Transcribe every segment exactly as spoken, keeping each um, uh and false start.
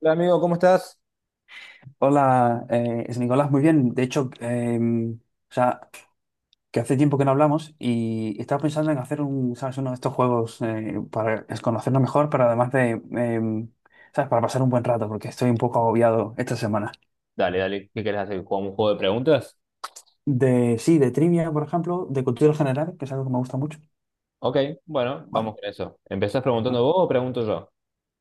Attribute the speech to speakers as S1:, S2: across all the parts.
S1: Hola amigo, ¿cómo estás?
S2: Hola, eh, es Nicolás, muy bien. De hecho, em, o sea, que hace tiempo que no hablamos y estaba pensando en hacer un, ¿sabes? Uno de estos juegos, eh, para es- conocernos mejor, pero además de, em, ¿sabes? Para pasar un buen rato, porque estoy un poco agobiado esta semana.
S1: Dale, dale, ¿qué querés hacer? ¿Jugamos un juego de preguntas?
S2: De, sí, de trivia, por ejemplo, de cultura general, que es algo que me gusta mucho.
S1: Ok, bueno,
S2: Vale.
S1: vamos con eso. ¿Empezás preguntando vos o pregunto yo?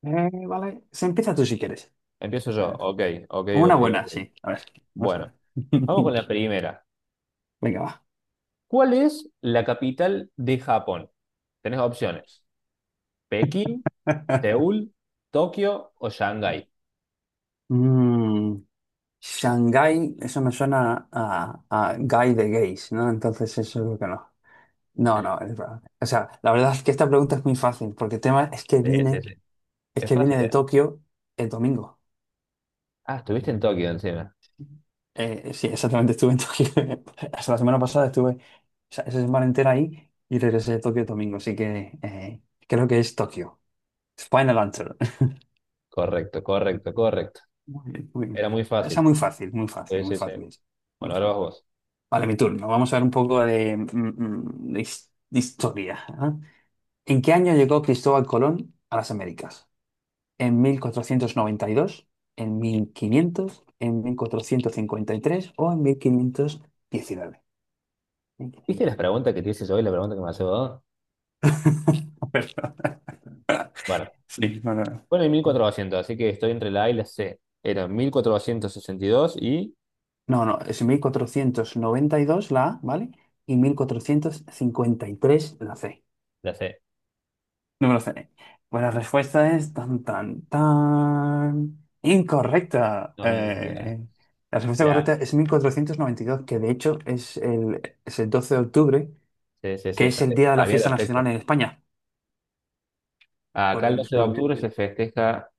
S2: Eh, vale. Se empieza tú si quieres.
S1: Empiezo
S2: A
S1: yo.
S2: ver.
S1: Ok, ok,
S2: Una
S1: ok,
S2: buena,
S1: ok.
S2: sí. A ver, vamos a
S1: Bueno,
S2: ver.
S1: vamos con la primera.
S2: Venga, va.
S1: ¿Cuál es la capital de Japón? Tenés opciones. ¿Pekín, Seúl, Tokio o Shanghái?
S2: Mm, Shanghái, eso me suena a, a guy de gays, ¿no? Entonces eso es lo que no. No, no, es verdad. O sea, la verdad es que esta pregunta es muy fácil, porque el tema es que
S1: Sí, sí,
S2: vine,
S1: sí.
S2: es
S1: Es
S2: que vine
S1: fácil,
S2: de
S1: ¿eh?
S2: Tokio el domingo.
S1: Ah, estuviste en Tokio encima.
S2: Eh, eh, sí, exactamente, estuve en Tokio. Hasta la semana pasada estuve esa, esa semana entera ahí y regresé de Tokio el domingo, así que eh, creo que es Tokio. Final answer.
S1: Correcto, correcto, correcto.
S2: Muy bien, muy bien.
S1: Era muy
S2: Esa
S1: fácil.
S2: muy fácil, muy fácil,
S1: Sí,
S2: muy
S1: sí, sí.
S2: fácil. Muy
S1: Bueno, ahora vas
S2: fácil.
S1: vos.
S2: Vale, mi turno. Vamos a ver un poco de, mm, mm, de his- de historia. ¿Ah? ¿En qué año llegó Cristóbal Colón a las Américas? ¿En mil cuatrocientos noventa y dos, en mil quinientos, en mil cuatrocientos cincuenta y tres o en mil quinientos diecinueve?
S1: ¿Viste las preguntas que te hice yo y la pregunta que me hace vos?
S2: Perdón.
S1: Bueno.
S2: Sí, no, no.
S1: Bueno, y mil cuatrocientos, así que estoy entre la A y la C. Eran mil cuatrocientos sesenta y dos y dos y
S2: No, no, es mil cuatrocientos noventa y dos la A, ¿vale? Y mil cuatrocientos cincuenta y tres la C.
S1: la C.
S2: Número me lo. Pues la respuesta es tan, tan, tan. Incorrecta.
S1: No me diga
S2: Eh, la respuesta
S1: la
S2: correcta es mil cuatrocientos noventa y dos, que de hecho es el, es el doce de octubre,
S1: C, C,
S2: que
S1: C,
S2: es el
S1: sabía
S2: día de la
S1: sabía
S2: fiesta
S1: la fecha.
S2: nacional en España, por
S1: Acá el
S2: el
S1: doce de
S2: descubrimiento.
S1: octubre se festeja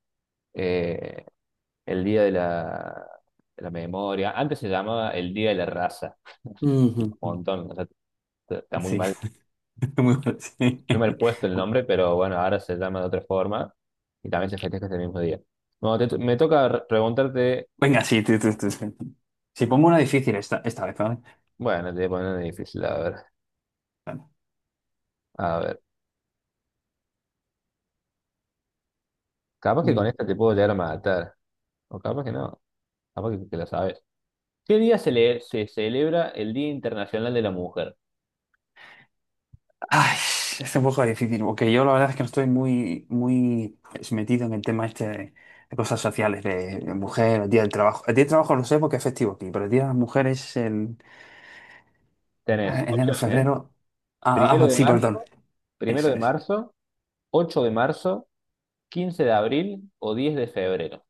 S1: eh, el Día de la, de la Memoria. Antes se llamaba el Día de la Raza,
S2: Ujú.
S1: un montón. O sea, t- está muy
S2: Sí,
S1: mal,
S2: muy bueno, sí.
S1: muy mal puesto el nombre, pero bueno, ahora se llama de otra forma y también se festeja este mismo día. Bueno, te- me toca re- preguntarte,
S2: Venga, sí, tú, tú, tú, tú. Si pongo una difícil esta, esta vez, ¿vale?
S1: bueno, te voy a poner una difícil, a ver, a ver. Capaz que con
S2: Vale.
S1: esta te puedo llegar a matar. O capaz que no, capaz que, que la sabes. ¿Qué día se, le- se celebra el Día Internacional de la Mujer?
S2: Ay, es un poco difícil, porque yo la verdad es que no estoy muy, muy pues, metido en el tema este de, de cosas sociales, de, de mujer, el día del trabajo. El día del trabajo lo sé porque es festivo aquí, pero el día de las mujeres es en
S1: Tenés
S2: eh, enero,
S1: opciones, ¿eh?
S2: febrero.
S1: Primero
S2: Ah, ah,
S1: de
S2: sí, perdón,
S1: marzo, primero
S2: eso
S1: de
S2: es.
S1: marzo, ocho de marzo, quince de abril o diez de febrero.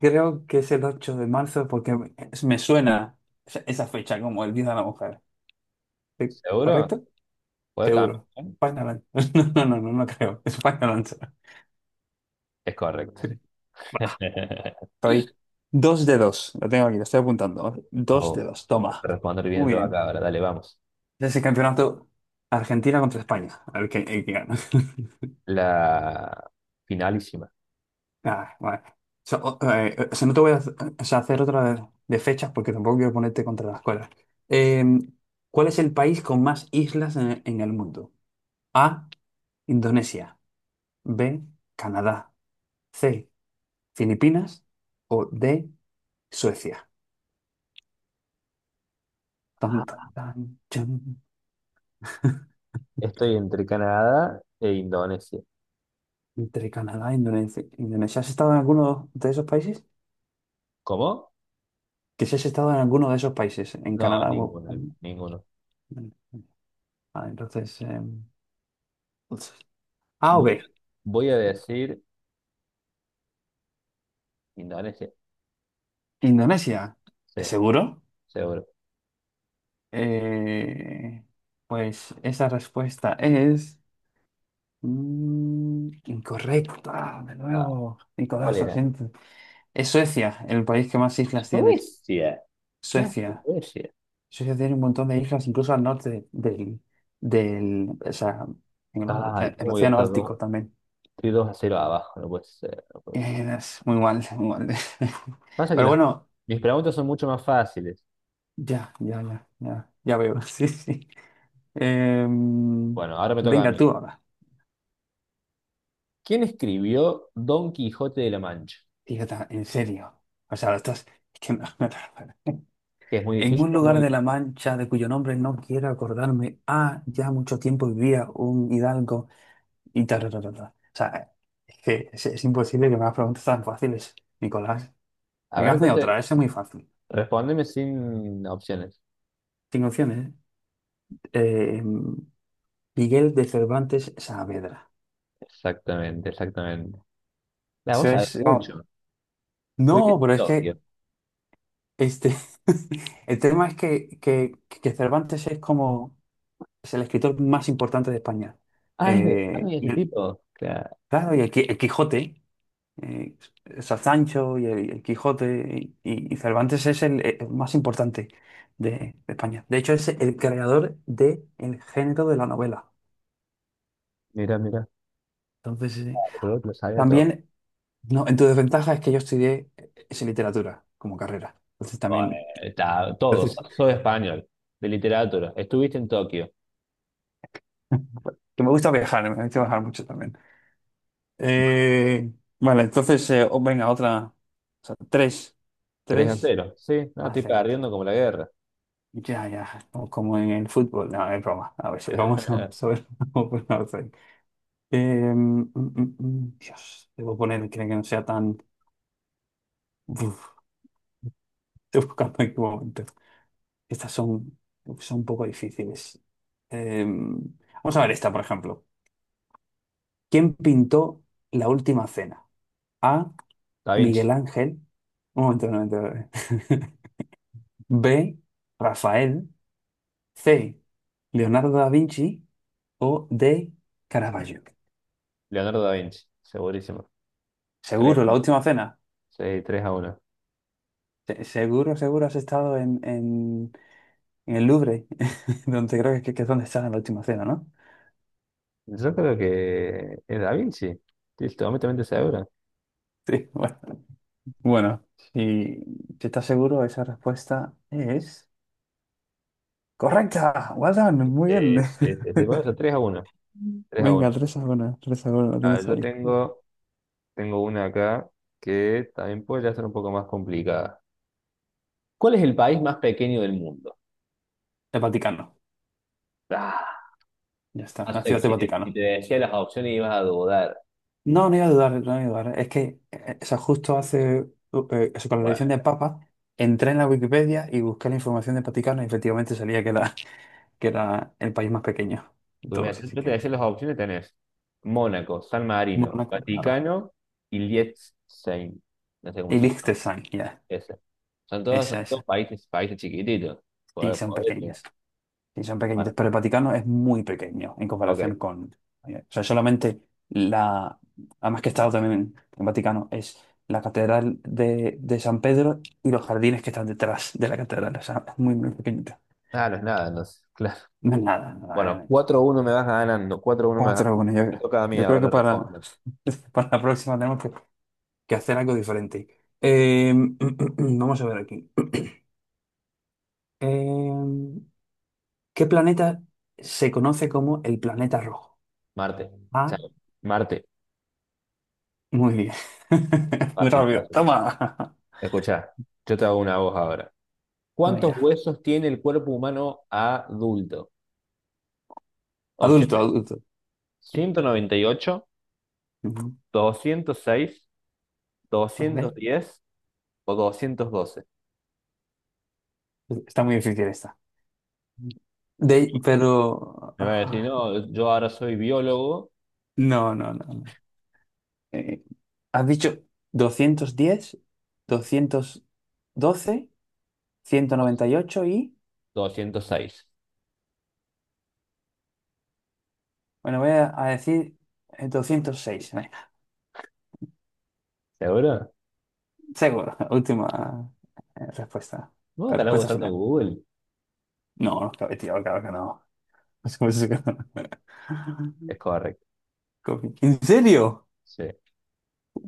S2: Creo que es el ocho de marzo porque me me suena esa esa fecha como el día de la mujer. ¿Sí?
S1: ¿Seguro?
S2: ¿Correcto?
S1: ¿Puedes cambiar?
S2: Seguro.
S1: ¿Eh?
S2: España Lanza. No, no, no, no, no creo. España Lanza.
S1: Es correcto.
S2: Soy dos de dos. Lo tengo aquí, lo estoy apuntando. Dos de
S1: Oh,
S2: dos, toma.
S1: responder bien
S2: Muy
S1: yo acá
S2: bien.
S1: ahora, dale, vamos.
S2: Ese es el campeonato Argentina contra España. A ver qué, eh, qué gana.
S1: La finalísima.
S2: Ah, vale. So, o- eh, o sea, no te voy a hacer, o sea, hacer otra de, de fechas porque tampoco quiero ponerte contra las cuerdas. Eh, ¿Cuál es el país con más islas en, en el mundo? A, Indonesia. B, Canadá. C, Filipinas. O D, Suecia. Tan, tan,
S1: Ah,
S2: tan, chan.
S1: estoy entre Canadá e Indonesia.
S2: Entre Canadá e Indonesia. Indonesia. ¿Has estado en alguno de esos países?
S1: ¿Cómo?
S2: Que si has estado en alguno de esos países, en
S1: No,
S2: Canadá o...
S1: ninguno, ninguno.
S2: Ah, entonces... em, A o B.
S1: Voy, voy a decir Indonesia.
S2: Indonesia.
S1: Sí,
S2: ¿Seguro?
S1: seguro.
S2: Eh, pues esa respuesta es... mm, incorrecta, de
S1: Ah,
S2: nuevo.
S1: ¿cuál
S2: Nicolás, lo
S1: era?
S2: siento. Es Suecia, el país que más islas tienes.
S1: Suecia. ¿Qué hace
S2: Suecia.
S1: Suecia?
S2: Suecia tiene un montón de islas, incluso al norte del, del, o sea, en el,
S1: Ay,
S2: eh,
S1: ¿cómo
S2: el
S1: voy a
S2: océano
S1: estar dos,
S2: Ártico también.
S1: estoy dos a cero abajo? No puede ser, no puede ser.
S2: Eh, Es muy mal, muy mal.
S1: Pasa que
S2: Pero
S1: las,
S2: bueno,
S1: mis preguntas son mucho más fáciles.
S2: ya, ya, ya, ya, ya veo, sí, sí. Em,
S1: Bueno, ahora me toca a
S2: Venga,
S1: mí.
S2: tú ahora.
S1: ¿Quién escribió Don Quijote de la Mancha?
S2: Fíjate, en serio. O sea, estás... Es que me- me-
S1: Que es muy
S2: En
S1: difícil,
S2: un
S1: o
S2: lugar
S1: muy...
S2: de La Mancha, de cuyo nombre no quiero acordarme, ah, ya mucho tiempo vivía un hidalgo. Y ta, ta, ta, ta, ta. O sea, es que es, es imposible que me hagas preguntas tan fáciles, Nicolás.
S1: A ver,
S2: Venga, hazme
S1: entonces,
S2: otra, esa es muy fácil.
S1: respóndeme sin opciones.
S2: Cinco opciones, ¿eh? Eh, Miguel de Cervantes Saavedra.
S1: Exactamente, exactamente. La vos
S2: Eso
S1: sabés
S2: es. No,
S1: mucho. Estuviste
S2: no,
S1: en
S2: pero es que
S1: Tokio.
S2: este, el tema es que, que, que Cervantes es como es el escritor más importante de España.
S1: Ah, es de, ah,
S2: Eh,
S1: mira, ese
S2: y,
S1: tipo. Claro,
S2: claro, y el, Qui- el Quijote. eh, Está Sancho y el, el Quijote, y, y Cervantes es el, eh, el más importante de, de España. De hecho, es el creador del género de la novela.
S1: mira, mira.
S2: Entonces, eh,
S1: Por otro lo sabía todo.
S2: también, no, en tu desventaja es que yo estudié eh, es literatura como carrera. Entonces,
S1: Bueno,
S2: también,
S1: está, todo,
S2: entonces,
S1: sos español, de literatura. Estuviste en Tokio,
S2: que me gusta viajar, me gusta viajar mucho también. Eh, vale, entonces, eh, o- venga, otra, o sea, tres,
S1: tres a
S2: tres,
S1: cero Sí, no, estoy
S2: hacer.
S1: perdiendo como la guerra.
S2: Ya, ya, o como en el fútbol, no, es broma, a veces vamos a saber cómo pronunciar. Dios, debo poner, creo que no sea tan... Uf, estoy buscando en qué momento. Estas son, son un poco difíciles. Em, Vamos a ver esta, por ejemplo. ¿Quién pintó la última cena? A.
S1: Da
S2: Miguel
S1: Vinci,
S2: Ángel. Un momento, un momento. Un momento. B. Rafael. C. Leonardo da Vinci. O D. Caravaggio.
S1: Leonardo da Vinci, segurísimo. tres
S2: ¿Seguro?
S1: a
S2: ¿La
S1: uno
S2: última cena?
S1: Sí, tres a uno.
S2: Se- Seguro, seguro has estado en, en, en el Louvre, donde creo que, que es donde está la última cena, ¿no?
S1: Yo creo que es Da Vinci, estoy completamente seguro.
S2: Sí, bueno. Bueno, si, si estás seguro, esa respuesta es correcta. Well done, muy bien.
S1: Es, es, es de Barça, tres a uno, tres a
S2: Venga,
S1: uno
S2: tres a uno, tres a uno, lo
S1: A ver,
S2: tienes
S1: yo
S2: ahí.
S1: tengo, tengo una acá que también puede ya ser un poco más complicada. ¿Cuál es el país más pequeño del mundo?
S2: El Vaticano,
S1: Ah,
S2: ya está,
S1: no
S2: la
S1: sé, que
S2: ciudad del
S1: si, si
S2: Vaticano.
S1: te decía las opciones ibas a dudar.
S2: No, no iba a dudar, no iba a dudar. Es que, eh, o sea, justo hace, uh, eh, eso, con la
S1: Bueno,
S2: elección del Papa, entré en la Wikipedia y busqué la información del Vaticano y efectivamente salía que era que era el país más pequeño de
S1: porque mira,
S2: todos, así
S1: yo te
S2: que
S1: decía las opciones, tenés Mónaco, San Marino,
S2: Mónaco, claro.
S1: Vaticano y Liechtenstein. No sé cómo
S2: Y
S1: se llama.
S2: Liechtenstein, ya,
S1: Ese. Son todos, son
S2: esa,
S1: todos
S2: esa.
S1: países, países chiquititos.
S2: Sí,
S1: Podés-
S2: son
S1: podés llegar.
S2: pequeñas. Sí, son
S1: Bueno,
S2: pequeñitas, pero el Vaticano es muy pequeño en
S1: ok.
S2: comparación con... eh, O sea, solamente la... Además, que he estado también en el Vaticano, es la Catedral de, de San Pedro y los jardines que están detrás de la catedral. O sea, es muy, muy pequeñita.
S1: Ah, no es nada, entonces. Claro.
S2: No es nada,
S1: Bueno,
S2: nada, eh.
S1: cuatro a uno me vas ganando. cuatro a uno me vas
S2: Cuatro,
S1: ganando.
S2: bueno, yo,
S1: Me toca a mí
S2: yo creo que
S1: ahora
S2: para,
S1: responder.
S2: para la próxima tenemos que que hacer algo diferente. Eh, vamos a ver aquí. Eh, ¿Qué planeta se conoce como el planeta rojo?
S1: Marte.
S2: Ah,
S1: Chao. Marte.
S2: muy bien. Muy
S1: Fácil,
S2: rápido.
S1: fácil.
S2: Toma.
S1: Escuchá, yo te hago una voz ahora. ¿Cuántos
S2: Venga.
S1: huesos tiene el cuerpo humano adulto?
S2: Adulto,
S1: Opciones.
S2: adulto. Sí.
S1: ¿Ciento noventa y ocho,
S2: Ujú.
S1: doscientos seis,
S2: A
S1: doscientos
S2: ver.
S1: diez o doscientos doce?
S2: Está muy difícil esta. De,
S1: Sí.
S2: pero...
S1: Me va a decir,
S2: ah,
S1: no, yo ahora soy biólogo.
S2: no, no, no. No. Eh, Has dicho doscientos diez, doscientos doce, ciento noventa y... ocho y.
S1: Doscientos seis.
S2: Bueno, voy a a decir eh, doscientos seis, ¿eh?
S1: ¿Seguro?
S2: Seguro. Última eh, respuesta.
S1: ¿Vos
S2: Eh,
S1: estarás
S2: Respuesta
S1: usando
S2: final.
S1: Google?
S2: No, no, claro, tío, claro que no. Es como si-
S1: Es correcto,
S2: Copy. ¿En serio?
S1: sí.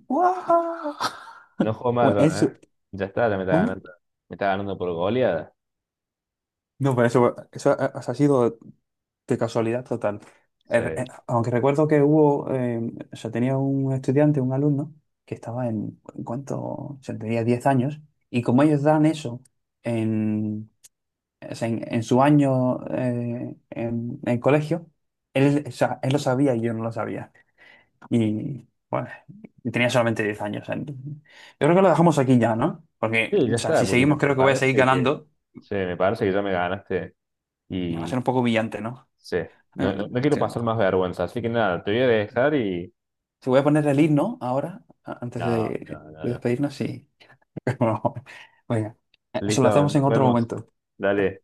S2: ¡Guau!
S1: No juego más
S2: Bueno,
S1: yo,
S2: eso.
S1: ¿eh? Ya está, ya me está
S2: ¿Cómo?
S1: ganando. Me está ganando por goleada.
S2: No, pero eso, eso ha, ha sido de casualidad total.
S1: Sí,
S2: Eh, eh, aunque recuerdo que hubo, eh, o sea, tenía un estudiante, un alumno, que estaba en, ¿en ¿cuánto? O sea, tenía diez años, y como ellos dan eso en o sea, en, en su año, eh, en el colegio, él, o sea, él lo sabía y yo no lo sabía. Y bueno, yo tenía solamente diez años. O sea, yo creo que lo dejamos aquí ya, ¿no? Porque,
S1: sí, ya
S2: o sea,
S1: está,
S2: si
S1: porque me,
S2: seguimos,
S1: me
S2: creo que voy a seguir
S1: parece que...
S2: ganando
S1: Sí, me parece que ya me ganaste
S2: y va a ser
S1: y...
S2: un poco brillante, ¿no?
S1: Sí, no,
S2: Eh,
S1: no, no quiero pasar
S2: Sinceramente.
S1: más vergüenza, así que nada, te voy a dejar y...
S2: Si voy a poner el himno ahora, a- antes de,
S1: No, no,
S2: de
S1: no, no.
S2: despedirnos, sí. Bueno, venga, eso lo
S1: Listo,
S2: hacemos
S1: nos
S2: en otro
S1: vemos.
S2: momento.
S1: Dale.